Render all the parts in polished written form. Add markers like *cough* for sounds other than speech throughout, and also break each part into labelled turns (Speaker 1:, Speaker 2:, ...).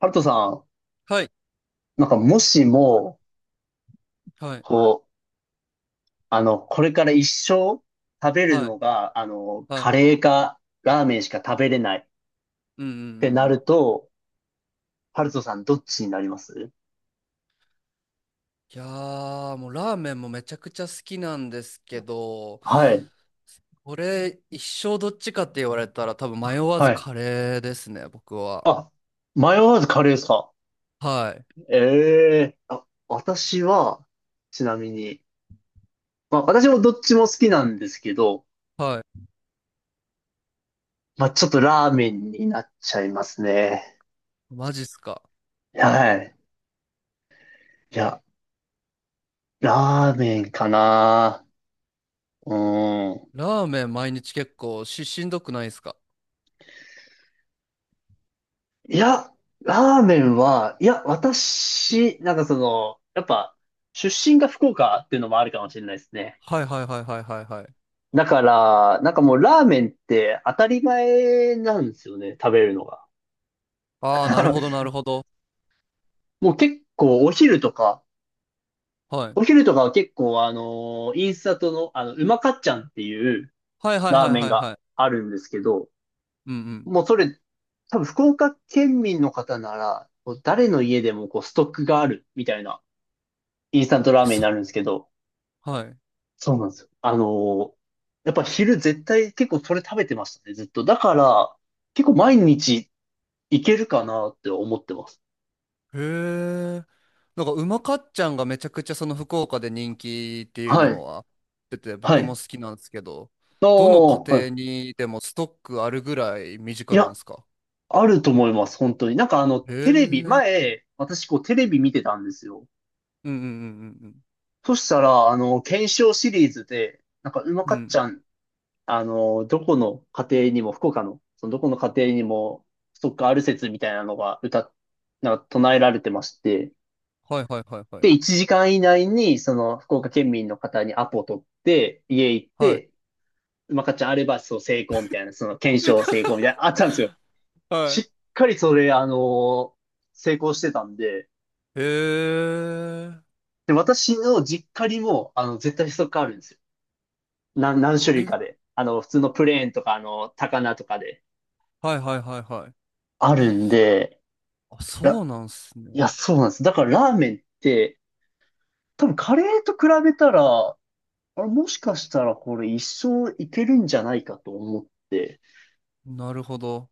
Speaker 1: ハルトさん、
Speaker 2: はい、
Speaker 1: なんかもしも、
Speaker 2: はい、
Speaker 1: こう、これから一生食べる
Speaker 2: はい、
Speaker 1: のが、
Speaker 2: は
Speaker 1: カ
Speaker 2: い。
Speaker 1: レーかラーメンしか食べれないっ
Speaker 2: うんうんうんう
Speaker 1: てな
Speaker 2: ん。
Speaker 1: ると、ハルトさんどっちになります？
Speaker 2: いやー、もうラーメンもめちゃくちゃ好きなんですけど、
Speaker 1: はい。
Speaker 2: これ一生どっちかって言われたら多分迷わず
Speaker 1: はい。
Speaker 2: カレーですね、僕は。
Speaker 1: あ、迷わずカレーですか？
Speaker 2: はい、
Speaker 1: ええ。あ、私は、ちなみに、まあ私もどっちも好きなんですけど、
Speaker 2: は
Speaker 1: まあちょっとラーメンになっちゃいますね。
Speaker 2: い。マジっすか。
Speaker 1: はい。いや、ラーメンかな。うん。
Speaker 2: ラーメン毎日結構しんどくないですか？
Speaker 1: いや、ラーメンは、いや、私、なんかやっぱ、出身が福岡っていうのもあるかもしれないですね。
Speaker 2: はいはいはいはいはいはい。
Speaker 1: だから、なんかもうラーメンって当たり前なんですよね、食べるのが。
Speaker 2: あー、なるほどな
Speaker 1: *laughs*
Speaker 2: るほど。
Speaker 1: もう結構お昼とか、
Speaker 2: はい。
Speaker 1: お昼とかは結構インスタントの、うまかっちゃんっていう
Speaker 2: はいはい
Speaker 1: ラ
Speaker 2: は
Speaker 1: ー
Speaker 2: い
Speaker 1: メン
Speaker 2: はい
Speaker 1: が
Speaker 2: はい。
Speaker 1: あるんですけど、
Speaker 2: うんうん。
Speaker 1: もうそれ、多分福岡県民の方なら、誰の家でもストックがあるみたいなインスタントラーメンに
Speaker 2: そ、
Speaker 1: なるんですけど、
Speaker 2: はい。
Speaker 1: そうなんですよ。やっぱ昼絶対結構それ食べてましたね、ずっと。だから、結構毎日いけるかなって思ってます。
Speaker 2: へえ。なんか、うまかっちゃんがめちゃくちゃその福岡で人気っていう
Speaker 1: は
Speaker 2: の
Speaker 1: い。
Speaker 2: は出てて、
Speaker 1: は
Speaker 2: 僕も
Speaker 1: い。
Speaker 2: 好きなんですけど、
Speaker 1: あ、
Speaker 2: どの家
Speaker 1: はい。
Speaker 2: 庭にでもストックあるぐらい身
Speaker 1: い
Speaker 2: 近なんで
Speaker 1: や、
Speaker 2: すか？
Speaker 1: あると思います、本当に。なんか
Speaker 2: へえ。
Speaker 1: テ
Speaker 2: う
Speaker 1: レビ、
Speaker 2: ん
Speaker 1: 前、私テレビ見てたんですよ。
Speaker 2: うんうんうん
Speaker 1: そしたら、検証シリーズで、なんかうま
Speaker 2: うん。
Speaker 1: か
Speaker 2: う
Speaker 1: っち
Speaker 2: ん。
Speaker 1: ゃん、どこの家庭にも、福岡の、そのどこの家庭にも、ストックある説みたいなのがなんか唱えられてまして、
Speaker 2: はいはいはいはい。
Speaker 1: で、1時間以内に、その、福岡県民の方にアポ取って、家行っ
Speaker 2: はい。
Speaker 1: て、まかちゃんあれば、そう、成功みたいな、その、検証成功みたいな、あったんですよ。
Speaker 2: は
Speaker 1: し
Speaker 2: い。
Speaker 1: っかりそれ、成功してたんで、
Speaker 2: へえ。
Speaker 1: で、私の実家にも、絶対ストックあるんですよ。何種類
Speaker 2: え、
Speaker 1: かで。普通のプレーンとか、高菜とかで。
Speaker 2: はいはいはいはい。
Speaker 1: あるんで、
Speaker 2: あ、そ
Speaker 1: ら
Speaker 2: うなんす
Speaker 1: い
Speaker 2: ね。
Speaker 1: や、そうなんです。だからラーメンって、多分カレーと比べたら、あれもしかしたらこれ一生いけるんじゃないかと思って、
Speaker 2: なるほど。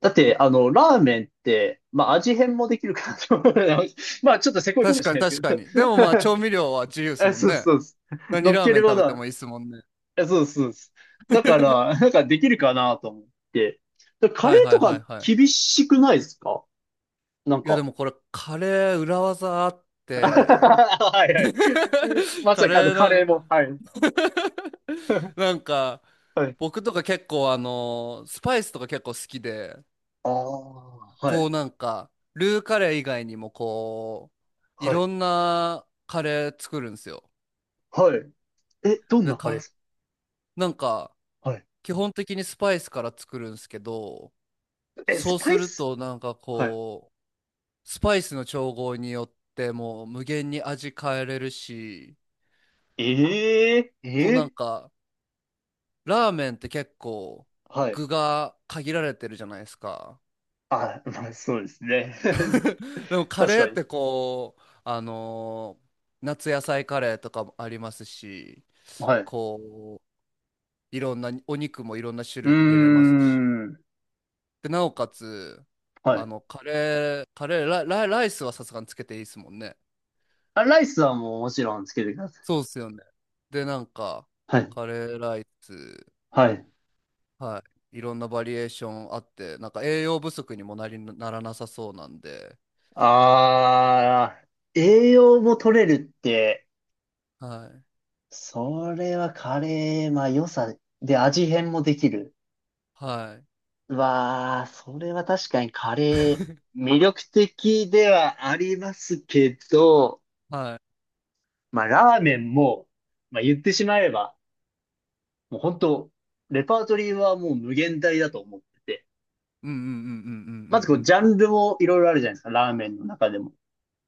Speaker 1: だって、ラーメンって、まあ、味変もできるからと思うので *laughs* まあ、ちょっとせこいかも
Speaker 2: 確か
Speaker 1: し
Speaker 2: に
Speaker 1: れないで
Speaker 2: 確
Speaker 1: す
Speaker 2: かに。で
Speaker 1: け
Speaker 2: もまあ、
Speaker 1: ど
Speaker 2: 調味料は自由で
Speaker 1: *laughs*
Speaker 2: す
Speaker 1: あ、
Speaker 2: もん
Speaker 1: そう
Speaker 2: ね。
Speaker 1: そうそう、
Speaker 2: 何
Speaker 1: 乗っ
Speaker 2: ラー
Speaker 1: け
Speaker 2: メン
Speaker 1: るも
Speaker 2: 食べ
Speaker 1: の
Speaker 2: て
Speaker 1: は、
Speaker 2: もいいですもんね。
Speaker 1: あ、そうそうそう、だから、なんかできるかなと思って。カ
Speaker 2: はい
Speaker 1: レー
Speaker 2: は
Speaker 1: と
Speaker 2: いは
Speaker 1: か
Speaker 2: いはい。
Speaker 1: 厳しくないですか？なん
Speaker 2: いや、で
Speaker 1: か。
Speaker 2: もこれ、カレー裏技あっ
Speaker 1: *laughs*
Speaker 2: て、
Speaker 1: はいはい。
Speaker 2: *laughs*
Speaker 1: ま
Speaker 2: カ
Speaker 1: さかあの
Speaker 2: レー
Speaker 1: カ
Speaker 2: な
Speaker 1: レー
Speaker 2: ん
Speaker 1: も、はい。*laughs*
Speaker 2: *laughs* なんか、
Speaker 1: はい。
Speaker 2: 僕とか結構スパイスとか結構好きで、
Speaker 1: *laughs* ああ、はい、
Speaker 2: こうなんか、ルーカレー以外にもこう、い
Speaker 1: はい、
Speaker 2: ろんなカレー作るんですよ。
Speaker 1: はい。え、どん
Speaker 2: で、
Speaker 1: なカレーです
Speaker 2: なんか、
Speaker 1: か？はい。
Speaker 2: 基本的にスパイスから作るんですけど、
Speaker 1: え、ス
Speaker 2: そう
Speaker 1: パ
Speaker 2: す
Speaker 1: イ
Speaker 2: る
Speaker 1: ス？
Speaker 2: となんか
Speaker 1: はい。
Speaker 2: こう、スパイスの調合によってもう無限に味変えれるし、
Speaker 1: ええ
Speaker 2: こうなん
Speaker 1: ええ。
Speaker 2: か、ラーメンって結構
Speaker 1: はい。
Speaker 2: 具が限られてるじゃないですか。
Speaker 1: あ、まあ、そうですね。
Speaker 2: *laughs* でも
Speaker 1: *laughs*
Speaker 2: カ
Speaker 1: 確
Speaker 2: レー
Speaker 1: か
Speaker 2: っ
Speaker 1: に。
Speaker 2: てこう、夏野菜カレーとかもありますし、
Speaker 1: はい。う
Speaker 2: こう、いろんなお肉もいろんな種類入れれま
Speaker 1: ー
Speaker 2: すし。
Speaker 1: ん。
Speaker 2: で、なおかつ、
Speaker 1: はい。
Speaker 2: カレー、カレー、ラ、ラライスはさすがにつけていいですもんね。
Speaker 1: あ、ライスはもうもちろんつけてください。
Speaker 2: そうっすよね。で、なんか、
Speaker 1: はい。
Speaker 2: カレーライス、
Speaker 1: はい。
Speaker 2: はい。いろんなバリエーションあって、なんか栄養不足にもなりならなさそうなんで、
Speaker 1: ああ、栄養も取れるって、
Speaker 2: はい。
Speaker 1: それはカレー、まあ良さで味変もできる。
Speaker 2: は
Speaker 1: わあ、それは確かにカレー、魅力的ではありますけど、
Speaker 2: い。はい。
Speaker 1: まあラーメンも、まあ言ってしまえば、もう本当、レパートリーはもう無限大だと思ってて。
Speaker 2: うんうんうんうんうんう
Speaker 1: まずこ
Speaker 2: ん
Speaker 1: う、
Speaker 2: う
Speaker 1: ジ
Speaker 2: ん。
Speaker 1: ャンルもいろいろあるじゃないですか、ラーメンの中でも。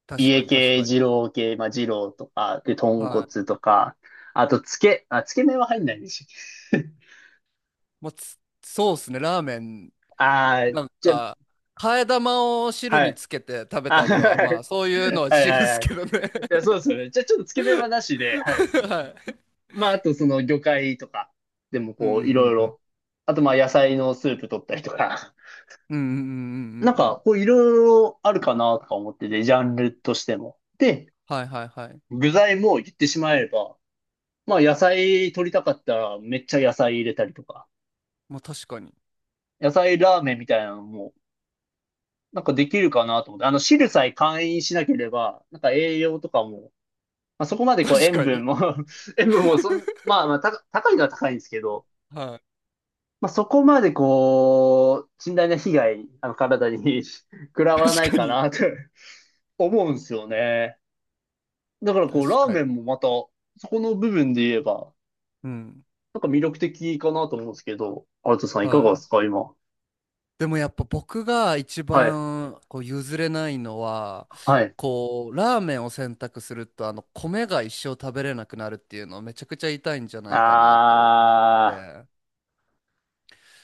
Speaker 2: 確か
Speaker 1: 家
Speaker 2: に確
Speaker 1: 系、
Speaker 2: かに。
Speaker 1: 二郎系、まあ二郎とか、で、豚
Speaker 2: はい。
Speaker 1: 骨とか、あと、つけ麺は入んないんでしょ？ *laughs*
Speaker 2: まあ、そうですね。ラーメン、
Speaker 1: あー、
Speaker 2: なん
Speaker 1: じゃ、
Speaker 2: か、替え玉を汁
Speaker 1: は
Speaker 2: に
Speaker 1: い。
Speaker 2: つけて食べ
Speaker 1: あ、*laughs*
Speaker 2: たりは、
Speaker 1: は
Speaker 2: まあ、
Speaker 1: い。
Speaker 2: そういうのは
Speaker 1: はい
Speaker 2: 自由
Speaker 1: は
Speaker 2: で
Speaker 1: い
Speaker 2: す
Speaker 1: はい。
Speaker 2: けどね。
Speaker 1: いや、そうですよね。じゃあちょっとつけ麺はなしで、はい。
Speaker 2: *laughs* はい。
Speaker 1: まあ、あとその魚介とか、でも
Speaker 2: うんう
Speaker 1: こう、いろ
Speaker 2: ん
Speaker 1: い
Speaker 2: うんうん。
Speaker 1: ろ。あとまあ野菜のスープ取ったりとか。
Speaker 2: うんうんうんうんう
Speaker 1: なん
Speaker 2: んう
Speaker 1: か、
Speaker 2: ん。
Speaker 1: こういろいろあるかなとか思ってて、ジャンルとしても。で、
Speaker 2: はいはいはい。
Speaker 1: 具材も言ってしまえば、まあ野菜取りたかったらめっちゃ野菜入れたりとか、
Speaker 2: まあ、確かに。
Speaker 1: 野菜ラーメンみたいなのも、なんかできるかなと思って、あの汁さえ簡易しなければ、なんか栄養とかも、まあそこまでこう
Speaker 2: 確
Speaker 1: 塩
Speaker 2: か
Speaker 1: 分
Speaker 2: に。
Speaker 1: も *laughs* 塩分もそん、
Speaker 2: *laughs*
Speaker 1: まあまあ高いのは高いんですけど、
Speaker 2: は
Speaker 1: まあそこまでこう、甚大な被害、あの体に *laughs* 食ら
Speaker 2: い。
Speaker 1: わな
Speaker 2: 確
Speaker 1: い
Speaker 2: か
Speaker 1: か
Speaker 2: に。
Speaker 1: なと *laughs* 思うんですよね。だからこう、
Speaker 2: 確
Speaker 1: ラー
Speaker 2: か
Speaker 1: メ
Speaker 2: に。
Speaker 1: ンもまた、そこの部分で言えば、
Speaker 2: うん。
Speaker 1: なんか魅力的かなと思うんですけど、アウトさんいか
Speaker 2: は
Speaker 1: がで
Speaker 2: い。
Speaker 1: すか、今？
Speaker 2: でもやっぱ僕が一
Speaker 1: はい、
Speaker 2: 番こう譲れないのは、
Speaker 1: はい。
Speaker 2: こうラーメンを選択するとあの米が一生食べれなくなるっていうのはめちゃくちゃ痛いんじゃないかなと思っ
Speaker 1: あー、
Speaker 2: て、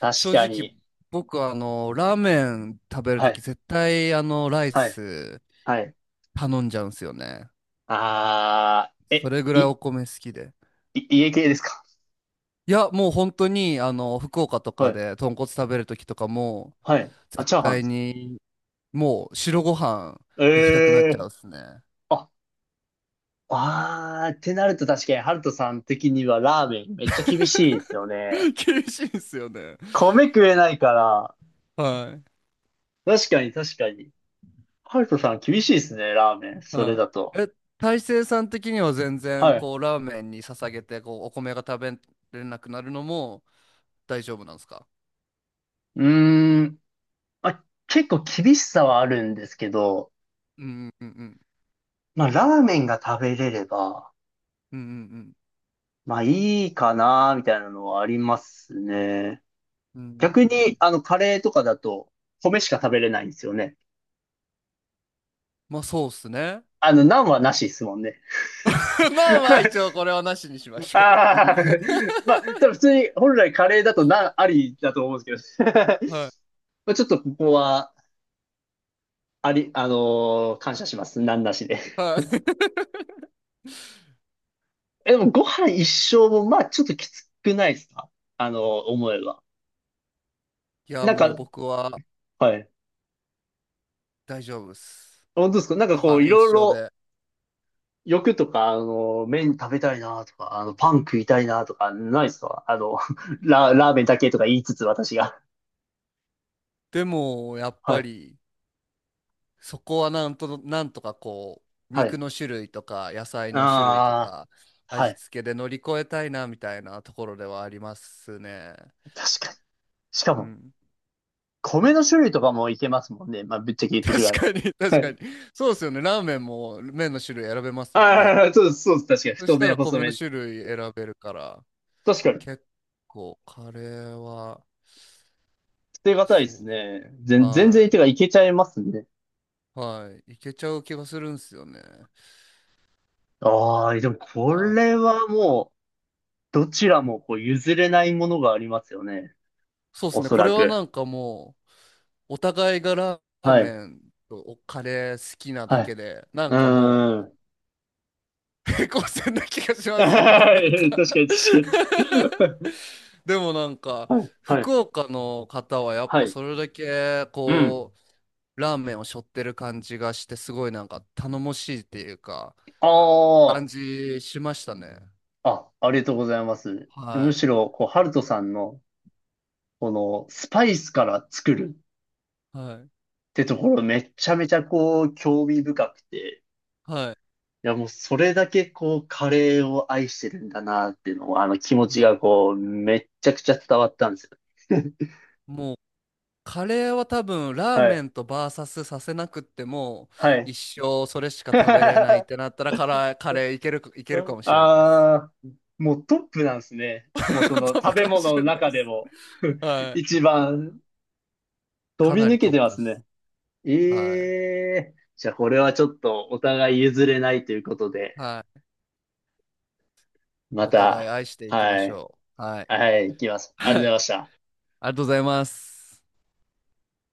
Speaker 1: 確
Speaker 2: 正
Speaker 1: か
Speaker 2: 直
Speaker 1: に。
Speaker 2: 僕はあのラーメン食べる
Speaker 1: は
Speaker 2: とき
Speaker 1: い、
Speaker 2: 絶対あのライ
Speaker 1: はい、
Speaker 2: ス
Speaker 1: はい。
Speaker 2: 頼んじゃうんですよね。
Speaker 1: あー、
Speaker 2: そ
Speaker 1: え、
Speaker 2: れぐらい
Speaker 1: い、
Speaker 2: お米好きで、
Speaker 1: い、家系ですか？
Speaker 2: いやもう本当にあの福岡と
Speaker 1: は
Speaker 2: か
Speaker 1: い、
Speaker 2: で豚骨食べるときとかも
Speaker 1: はい。あ、
Speaker 2: 絶
Speaker 1: チャーハン
Speaker 2: 対
Speaker 1: ですか？
Speaker 2: にもう白ご飯行きたくなっちゃ
Speaker 1: え
Speaker 2: う
Speaker 1: ー。
Speaker 2: っすね。
Speaker 1: あ、あー、ってなると確かに、ハルトさん的にはラーメンめっちゃ厳しいですよ
Speaker 2: *laughs*
Speaker 1: ね。
Speaker 2: 厳しいんすよね。
Speaker 1: 米食えないから。
Speaker 2: は
Speaker 1: 確かに、確かに。ハルトさん厳しいですね、ラーメ
Speaker 2: い。
Speaker 1: ン。それ
Speaker 2: は
Speaker 1: だ
Speaker 2: い。
Speaker 1: と。
Speaker 2: え、大成さん的には全然、
Speaker 1: はい。
Speaker 2: こう、ラーメンに捧げて、こう、お米が食べれなくなるのも大丈夫なんですか？
Speaker 1: うーん。まあ、結構厳しさはあるんですけど、
Speaker 2: うんうんうん
Speaker 1: まあ、ラーメンが食べれれば、
Speaker 2: うん
Speaker 1: まあ、いいかな、みたいなのはありますね。
Speaker 2: うんうんうんうん
Speaker 1: 逆
Speaker 2: う
Speaker 1: に、
Speaker 2: ん。
Speaker 1: カレーとかだと、米しか食べれないんですよね。
Speaker 2: まあ、そうっすね。
Speaker 1: ナンはなしですもんね。
Speaker 2: *laughs* まあまあ、一応
Speaker 1: *laughs*
Speaker 2: これはなしにしましょ
Speaker 1: ああ、*laughs* まあ、多分普通に、本来カレーだとナンありだと思うんですけど。*laughs*
Speaker 2: う。はい。
Speaker 1: まあ、ちょっとここは、あり、あのー感謝します。ナンなしで。
Speaker 2: はい。*laughs*
Speaker 1: え、でもご飯一生も、まあちょっときつくないですか？あの、思えば。
Speaker 2: いや、
Speaker 1: なん
Speaker 2: もう
Speaker 1: か、
Speaker 2: 僕は
Speaker 1: はい。
Speaker 2: 大丈夫っす。
Speaker 1: 本当ですか？なんか
Speaker 2: ご
Speaker 1: こう、
Speaker 2: 飯
Speaker 1: い
Speaker 2: 一
Speaker 1: ろい
Speaker 2: 緒
Speaker 1: ろ
Speaker 2: で。
Speaker 1: 欲とか、麺食べたいなとか、パン食いたいなとか、ないですか？あの、*laughs* ラーメンだけとか言いつつ私が。
Speaker 2: でも、やっ
Speaker 1: は
Speaker 2: ぱ
Speaker 1: い。
Speaker 2: り、そこはなんとかこう、
Speaker 1: は
Speaker 2: 肉
Speaker 1: い。
Speaker 2: の種類とか、野菜の種類と
Speaker 1: ああ、
Speaker 2: か、
Speaker 1: は
Speaker 2: 味
Speaker 1: い。
Speaker 2: 付けで乗り越えたいな、みたいなところではありますね。
Speaker 1: 確かに。しか
Speaker 2: う
Speaker 1: も、
Speaker 2: ん。
Speaker 1: 米の種類とかもいけますもんね。まあ、ぶっちゃけ言ってしま
Speaker 2: 確
Speaker 1: う。
Speaker 2: かに、
Speaker 1: は
Speaker 2: 確か
Speaker 1: い。
Speaker 2: に。そうですよね。ラーメンも麺の種類選べますもんね。
Speaker 1: ああ、そうです、そうです。確かに。
Speaker 2: そし
Speaker 1: 太
Speaker 2: た
Speaker 1: 麺、
Speaker 2: ら
Speaker 1: 細
Speaker 2: 米の
Speaker 1: 麺。
Speaker 2: 種類選べるから、
Speaker 1: 確かに。
Speaker 2: 結構カレーは、
Speaker 1: 捨てがたいで
Speaker 2: そ
Speaker 1: すね。
Speaker 2: う、
Speaker 1: 全然、
Speaker 2: は
Speaker 1: てか、いけちゃいますね。
Speaker 2: い、はい、いけちゃう気がするんですよね。
Speaker 1: ああ、でもこ
Speaker 2: は
Speaker 1: れ
Speaker 2: い。
Speaker 1: はもう、どちらもこう譲れないものがありますよね。
Speaker 2: そうで
Speaker 1: お
Speaker 2: すね。
Speaker 1: そ
Speaker 2: これ
Speaker 1: ら
Speaker 2: は
Speaker 1: く。
Speaker 2: なんかもう、お互いがラー
Speaker 1: は
Speaker 2: メ
Speaker 1: い。
Speaker 2: ンとカレー好きなだ
Speaker 1: は
Speaker 2: け
Speaker 1: い。
Speaker 2: で、なん
Speaker 1: う
Speaker 2: かも
Speaker 1: ーん。
Speaker 2: う、平行線な気がし
Speaker 1: *laughs*
Speaker 2: ま
Speaker 1: 確
Speaker 2: すね。
Speaker 1: か
Speaker 2: なん
Speaker 1: に
Speaker 2: か
Speaker 1: 確かに。
Speaker 2: *laughs* でもなんか、
Speaker 1: はい。はい。
Speaker 2: 福岡の方はやっ
Speaker 1: は
Speaker 2: ぱ
Speaker 1: い。
Speaker 2: それだけ、
Speaker 1: うん。
Speaker 2: こう、ラーメンを背負ってる感じがして、すごいなんか頼もしいっていうか、
Speaker 1: あ
Speaker 2: 感
Speaker 1: あ。
Speaker 2: じしましたね。
Speaker 1: あ、ありがとうございます。む
Speaker 2: は
Speaker 1: しろ、こう、ハルトさんの、この、スパイスから作る
Speaker 2: い。はい。
Speaker 1: ってところめちゃめちゃこう、興味深くて。
Speaker 2: はい。
Speaker 1: いやもうそれだけこうカレーを愛してるんだなっていうのをあの気持ち
Speaker 2: は
Speaker 1: が
Speaker 2: い。
Speaker 1: こうめっちゃくちゃ伝わったんですよ。*laughs*
Speaker 2: もうカレーは多分ラー
Speaker 1: は
Speaker 2: メ
Speaker 1: い。
Speaker 2: ンとバーサスさせなくっても
Speaker 1: はい。
Speaker 2: 一生それしか食べれないっ
Speaker 1: *laughs*
Speaker 2: てなったらカレーいけるかもしれないです。
Speaker 1: ああ、もうトップなんですね。もうそ
Speaker 2: *laughs*
Speaker 1: の
Speaker 2: トッ
Speaker 1: 食
Speaker 2: プ
Speaker 1: べ
Speaker 2: かも
Speaker 1: 物
Speaker 2: し
Speaker 1: の
Speaker 2: れない
Speaker 1: 中
Speaker 2: で
Speaker 1: で
Speaker 2: す。
Speaker 1: も
Speaker 2: *laughs* はい。
Speaker 1: 一番飛
Speaker 2: か
Speaker 1: び
Speaker 2: な
Speaker 1: 抜
Speaker 2: り
Speaker 1: け
Speaker 2: トッ
Speaker 1: てま
Speaker 2: プで
Speaker 1: すね。
Speaker 2: す。はい。
Speaker 1: ええ、じゃあこれはちょっとお互い譲れないということで、
Speaker 2: はい。
Speaker 1: ま
Speaker 2: お互い
Speaker 1: た、
Speaker 2: 愛していきま
Speaker 1: は
Speaker 2: し
Speaker 1: い、
Speaker 2: ょう。はい。
Speaker 1: はい、行きます。あ
Speaker 2: は
Speaker 1: り
Speaker 2: い。
Speaker 1: が
Speaker 2: あり
Speaker 1: とうございました。
Speaker 2: がとうございます。